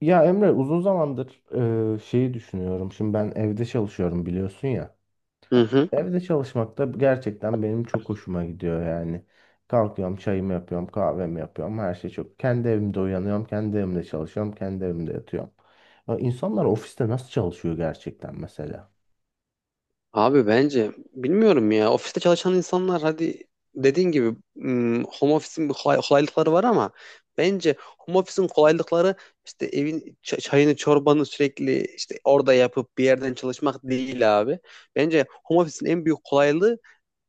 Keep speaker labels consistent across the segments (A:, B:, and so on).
A: Ya Emre uzun zamandır şeyi düşünüyorum. Şimdi ben evde çalışıyorum biliyorsun ya.
B: Hı hı.
A: Evde çalışmak da gerçekten benim çok hoşuma gidiyor yani. Kalkıyorum, çayımı yapıyorum, kahvemi yapıyorum. Her şey çok. Kendi evimde uyanıyorum, kendi evimde çalışıyorum, kendi evimde yatıyorum. Ya İnsanlar ofiste nasıl çalışıyor gerçekten mesela?
B: Abi bence bilmiyorum ya, ofiste çalışan insanlar hadi dediğin gibi home office'in kolaylıkları var ama bence home office'in kolaylıkları işte evin çayını çorbanı sürekli işte orada yapıp bir yerden çalışmak değil abi. Bence home office'in en büyük kolaylığı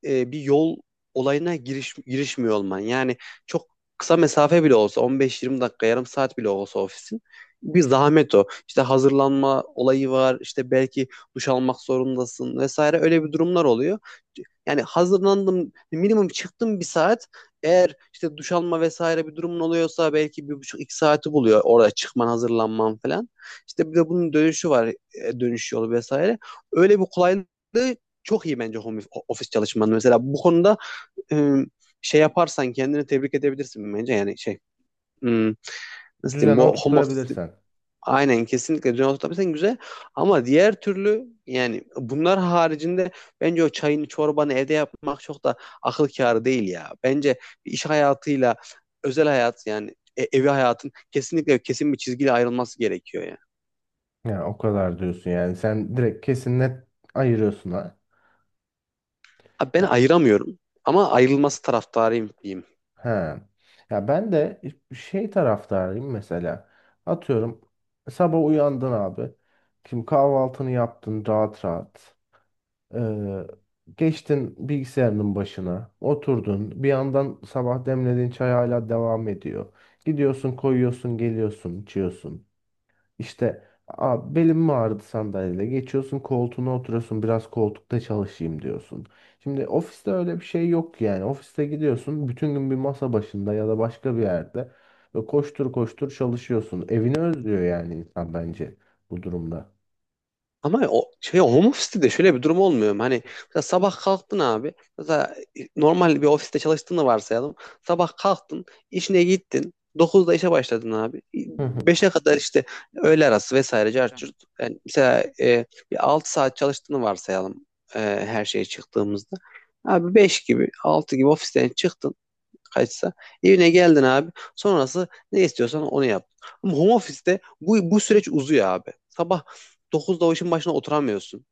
B: bir yol olayına girişmiyor olman. Yani çok kısa mesafe bile olsa 15-20 dakika yarım saat bile olsa ofisin bir zahmet o. İşte hazırlanma olayı var, işte belki duş almak zorundasın vesaire, öyle bir durumlar oluyor. Yani hazırlandım minimum çıktım bir saat, eğer işte duş alma vesaire bir durumun oluyorsa belki bir buçuk iki saati buluyor orada çıkman hazırlanman falan. İşte bir de bunun dönüşü var, dönüş yolu vesaire. Öyle bir kolaylığı çok iyi bence home office çalışman. Mesela bu konuda e, şey yaparsan kendini tebrik edebilirsin bence. Yani şey, hmm, nasıl diyeyim,
A: Düzene
B: bu home office
A: oturtturabilirsen.
B: aynen, kesinlikle düzen oturtabilirsen güzel. Ama diğer türlü, yani bunlar haricinde bence o çayını çorbanı evde yapmak çok da akıl kârı değil ya. Bence iş hayatıyla özel hayat, yani evi hayatın kesinlikle kesin bir çizgiyle ayrılması gerekiyor ya.
A: Yani o kadar diyorsun yani. Sen direkt kesin net ayırıyorsun ha.
B: Abi ben ayıramıyorum ama ayrılması taraftarıyım diyeyim.
A: He. Ya ben de şey taraftarıyım mesela. Atıyorum sabah uyandın abi. Şimdi kahvaltını yaptın rahat rahat. Ee, geçtin bilgisayarının başına. Oturdun. Bir yandan sabah demlediğin çay hala devam ediyor. Gidiyorsun koyuyorsun geliyorsun içiyorsun. İşte "Aa, belim mi ağrıdı sandalyede?" Geçiyorsun koltuğuna oturuyorsun, biraz koltukta çalışayım diyorsun. Şimdi ofiste öyle bir şey yok yani. Ofiste gidiyorsun bütün gün bir masa başında ya da başka bir yerde ve koştur koştur çalışıyorsun. Evini özlüyor yani insan bence bu durumda.
B: Ama o şey, home office'te de şöyle bir durum olmuyor mu? Hani mesela sabah kalktın abi. Mesela normal bir ofiste çalıştığını varsayalım. Sabah kalktın, işine gittin. Dokuzda işe başladın abi.
A: Hı hı.
B: Beşe kadar işte öğle arası vesaire cart curt. Yani mesela bir 6 saat çalıştığını varsayalım, e, her şeye çıktığımızda. Abi 5 gibi, 6 gibi ofisten çıktın kaçsa. Evine geldin abi. Sonrası ne istiyorsan onu yap. Ama home office'te bu süreç uzuyor abi. Sabah 9'da o işin başına oturamıyorsun.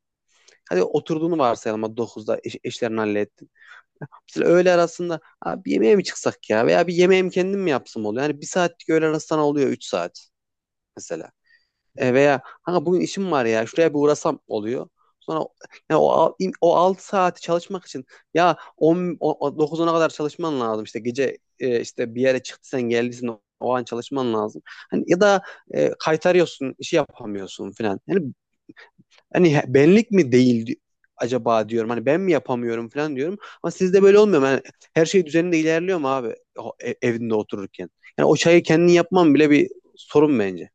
B: Hadi oturduğunu varsayalım, hadi dokuzda işlerini hallettin. Mesela öğle arasında abi yemeğe mi çıksak ya, veya bir yemeğim kendim mi yapsam oluyor. Yani bir saatlik öğle arası sana oluyor 3 saat mesela. E, veya kanka bugün işim var ya, şuraya bir uğrasam oluyor. Sonra yani o 6 saati çalışmak için ya 10, o- o 9 kadar çalışman lazım. İşte gece işte bir yere çıktıysan geldiysen o an çalışman lazım. Hani ya da kaytarıyorsun, işi yapamıyorsun falan. Yani hani benlik mi değil acaba diyorum. Hani ben mi yapamıyorum falan diyorum. Ama sizde böyle olmuyor mu? Yani her şey düzeninde ilerliyor mu abi o evinde otururken? Yani o çayı kendin yapman bile bir sorun bence.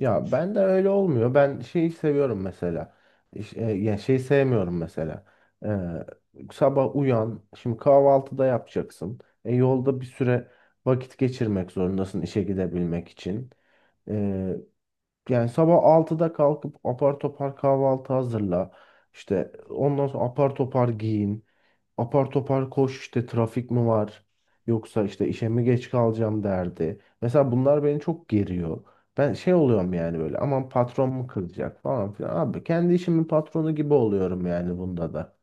A: Ya ben de öyle olmuyor. Ben şeyi seviyorum mesela. Ya şeyi sevmiyorum mesela. Sabah uyan, şimdi kahvaltıda yapacaksın. E, yolda bir süre vakit geçirmek zorundasın işe gidebilmek için. Ee, yani sabah 6'da kalkıp apar topar kahvaltı hazırla. İşte ondan sonra apar topar giyin, apar topar koş, işte trafik mi var yoksa işte işe mi geç kalacağım derdi. Mesela bunlar beni çok geriyor. Ben şey oluyorum yani böyle, aman patron mu kızacak falan filan. Abi kendi işimin patronu gibi oluyorum yani bunda da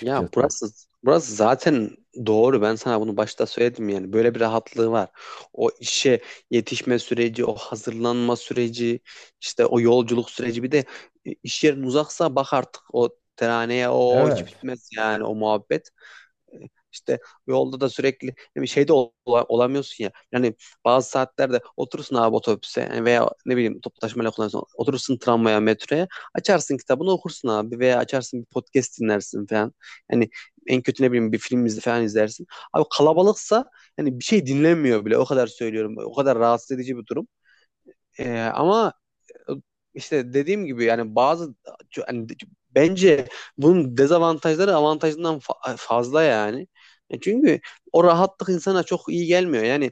B: Ya burası zaten doğru. Ben sana bunu başta söyledim yani. Böyle bir rahatlığı var. O işe yetişme süreci, o hazırlanma süreci, işte o yolculuk süreci, bir de iş yerin uzaksa bak, artık o teraneye o hiç
A: Evet.
B: bitmez yani o muhabbet. İşte yolda da sürekli bir şeyde olamıyorsun ya. Yani bazı saatlerde oturursun abi otobüse, yani veya ne bileyim toplu taşımayla kullanıyorsun. Oturursun tramvaya, metroya. Açarsın kitabını okursun abi, veya açarsın bir podcast dinlersin falan. Yani en kötü ne bileyim bir film izle falan izlersin. Abi kalabalıksa yani bir şey dinlenmiyor bile, o kadar söylüyorum. O kadar rahatsız edici bir durum. Ama işte dediğim gibi, yani bazı, yani bence bunun dezavantajları avantajından fazla yani. E çünkü o rahatlık insana çok iyi gelmiyor. Yani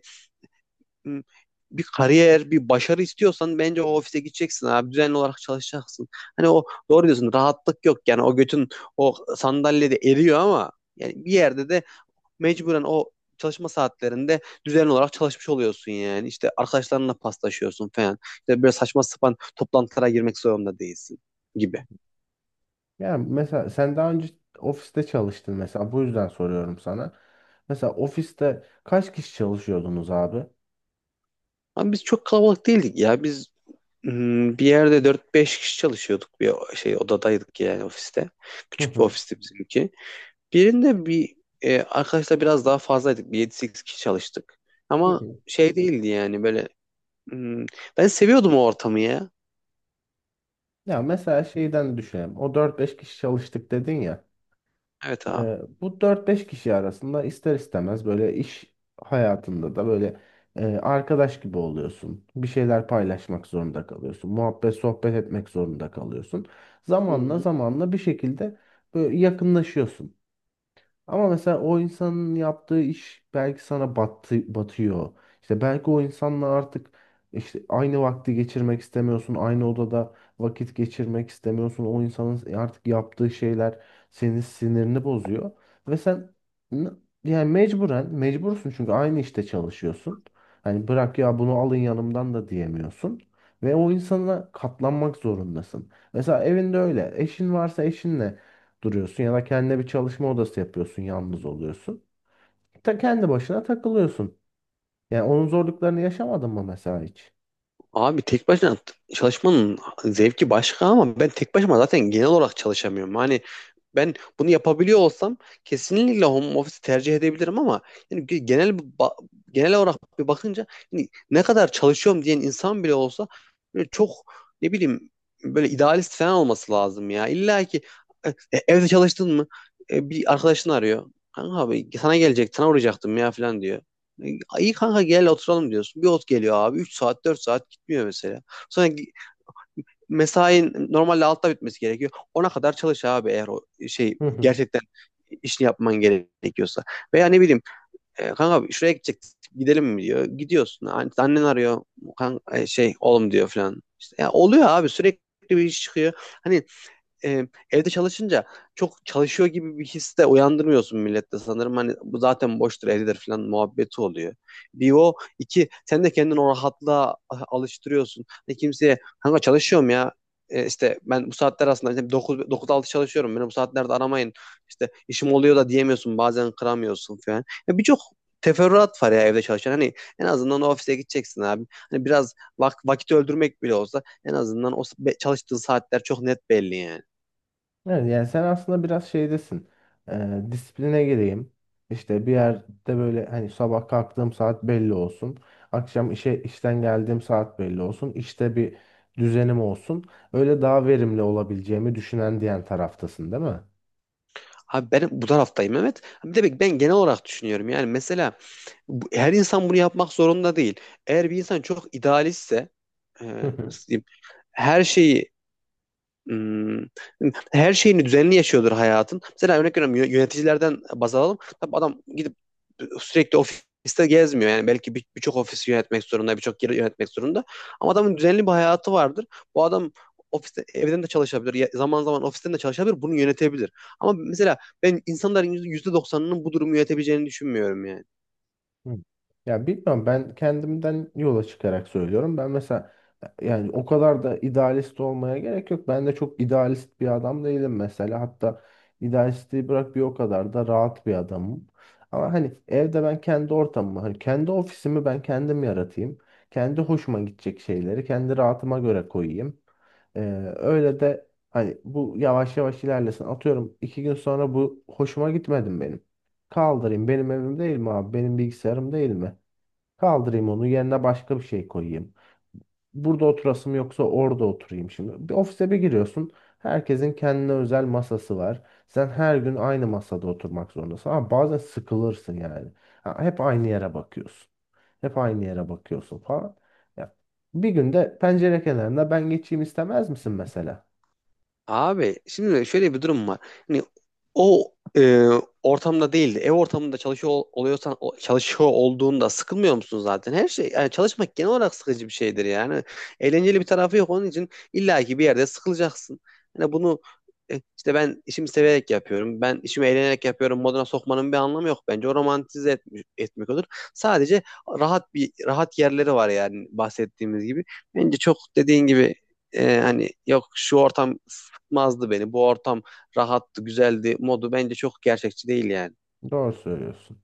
B: m, bir kariyer, bir başarı istiyorsan bence o ofise gideceksin abi. Düzenli olarak çalışacaksın. Hani, o doğru diyorsun, rahatlık yok, yani o götün o sandalyede eriyor ama yani bir yerde de mecburen o çalışma saatlerinde düzenli olarak çalışmış oluyorsun yani. İşte arkadaşlarınla paslaşıyorsun falan. İşte böyle saçma sapan toplantılara girmek zorunda değilsin gibi.
A: Yani mesela sen daha önce ofiste çalıştın mesela, bu yüzden soruyorum sana. Mesela ofiste kaç kişi çalışıyordunuz abi?
B: Ama biz çok kalabalık değildik ya. Biz bir yerde dört beş kişi çalışıyorduk, bir şey odadaydık yani ofiste.
A: Hı
B: Küçük bir
A: hı.
B: ofisti bizimki. Birinde bir, arkadaşlar biraz daha fazlaydık. Bir yedi sekiz kişi çalıştık.
A: Hı
B: Ama
A: hı.
B: şey değildi yani, böyle hmm, ben seviyordum o ortamı ya.
A: Ya mesela şeyden düşünelim. O dört beş kişi çalıştık dedin ya.
B: Evet abi.
A: Bu dört beş kişi arasında ister istemez böyle iş hayatında da böyle arkadaş gibi oluyorsun. Bir şeyler paylaşmak zorunda kalıyorsun. Muhabbet, sohbet etmek zorunda kalıyorsun.
B: Hı
A: Zamanla
B: hı.
A: zamanla bir şekilde böyle yakınlaşıyorsun. Ama mesela o insanın yaptığı iş belki sana battı, batıyor. İşte belki o insanla artık işte aynı vakti geçirmek istemiyorsun. Aynı odada vakit geçirmek istemiyorsun. O insanın artık yaptığı şeyler senin sinirini bozuyor. Ve sen n- yani mecburen mecbursun, çünkü aynı işte çalışıyorsun. Hani bırak ya, bunu alın yanımdan da diyemiyorsun. Ve o insana katlanmak zorundasın. Mesela evinde öyle. Eşin varsa eşinle duruyorsun ya da kendine bir çalışma odası yapıyorsun, yalnız oluyorsun. Ta kendi başına takılıyorsun. Yani onun zorluklarını yaşamadın mı mesela hiç?
B: Abi tek başına çalışmanın zevki başka ama ben tek başıma zaten genel olarak çalışamıyorum. Hani ben bunu yapabiliyor olsam kesinlikle home office tercih edebilirim ama yani genel genel olarak bir bakınca, yani ne kadar çalışıyorum diyen insan bile olsa böyle çok, ne bileyim, böyle idealist falan olması lazım ya. İlla ki evde çalıştın mı bir arkadaşını arıyor. Kanka abi sana gelecek, sana uğrayacaktım ya falan diyor. E, İyi kanka gel oturalım diyorsun. Bir ot geliyor abi. Üç saat 4 saat gitmiyor mesela. Sonra mesain normalde altta bitmesi gerekiyor. Ona kadar çalış abi, eğer o şey
A: Hı hı.
B: gerçekten işini yapman gerekiyorsa. Veya ne bileyim kanka şuraya gidecek, gidelim mi diyor. Gidiyorsun. Annen arıyor. Şey oğlum diyor falan. İşte, ya oluyor abi, sürekli bir iş çıkıyor. Hani evde çalışınca çok çalışıyor gibi bir his de uyandırmıyorsun millette sanırım. Hani bu zaten boştur evdedir falan muhabbeti oluyor. Bir o iki sen de kendini o rahatlığa alıştırıyorsun. Ne kimseye kanka çalışıyorum ya, E, işte ben bu saatler aslında işte dokuz dokuz altı çalışıyorum. Beni bu saatlerde aramayın. İşte işim oluyor da diyemiyorsun. Bazen kıramıyorsun falan. Ya birçok teferruat var ya evde çalışan. Hani en azından o ofise gideceksin abi. Hani biraz vakit öldürmek bile olsa en azından çalıştığın saatler çok net belli yani.
A: Evet, yani sen aslında biraz şeydesin. Disipline gireyim. İşte bir yerde böyle hani sabah kalktığım saat belli olsun. Akşam işe işten geldiğim saat belli olsun. İşte bir düzenim olsun. Öyle daha verimli olabileceğimi düşünen, diyen taraftasın, değil mi?
B: Abi ben bu taraftayım Mehmet. Bir de bak, ben genel olarak düşünüyorum. Yani mesela her insan bunu yapmak zorunda değil. Eğer bir insan çok idealistse, e, nasıl diyeyim, her şeyi, hmm, her şeyini düzenli yaşıyordur hayatın. Mesela örnek veriyorum, yöneticilerden baz alalım. Tabii adam gidip sürekli ofiste gezmiyor. Yani belki birçok ofisi yönetmek zorunda, birçok yeri yönetmek zorunda. Ama adamın düzenli bir hayatı vardır. Bu adam ofiste evden de çalışabilir. Zaman zaman ofisten de çalışabilir. Bunu yönetebilir. Ama mesela ben insanların %90'ının bu durumu yönetebileceğini düşünmüyorum yani.
A: Hı. Ya bilmiyorum, ben kendimden yola çıkarak söylüyorum. Ben mesela yani o kadar da idealist olmaya gerek yok. Ben de çok idealist bir adam değilim mesela. Hatta idealistliği bırak, bir o kadar da rahat bir adamım. Ama hani evde ben kendi ortamımı, hani kendi ofisimi ben kendim yaratayım. Kendi hoşuma gidecek şeyleri kendi rahatıma göre koyayım. Ee, öyle de hani bu yavaş yavaş ilerlesin. Atıyorum 2 gün sonra bu hoşuma gitmedim benim. Kaldırayım. Benim evim değil mi abi? Benim bilgisayarım değil mi? Kaldırayım onu. Yerine başka bir şey koyayım. Burada oturasım yoksa orada oturayım şimdi. Bir ofise bir giriyorsun. Herkesin kendine özel masası var. Sen her gün aynı masada oturmak zorundasın. Ama bazen sıkılırsın yani. Ha, hep aynı yere bakıyorsun. Hep aynı yere bakıyorsun falan. Ya, bir günde pencere kenarında ben geçeyim istemez misin mesela?
B: Abi şimdi şöyle bir durum var. Hani o ortamda değildi. Ev ortamında çalışıyor oluyorsan çalışıyor olduğunda sıkılmıyor musun zaten? Her şey, yani çalışmak genel olarak sıkıcı bir şeydir yani. Eğlenceli bir tarafı yok, onun için illaki bir yerde sıkılacaksın. Hani bunu işte, ben işimi severek yapıyorum. Ben işimi eğlenerek yapıyorum. Moduna sokmanın bir anlamı yok. Bence o romantize etmek olur. Sadece rahat yerleri var yani, bahsettiğimiz gibi. Bence çok dediğin gibi, hani yok şu ortam sıkmazdı beni. Bu ortam rahattı, güzeldi modu bence çok gerçekçi değil yani.
A: Doğru söylüyorsun.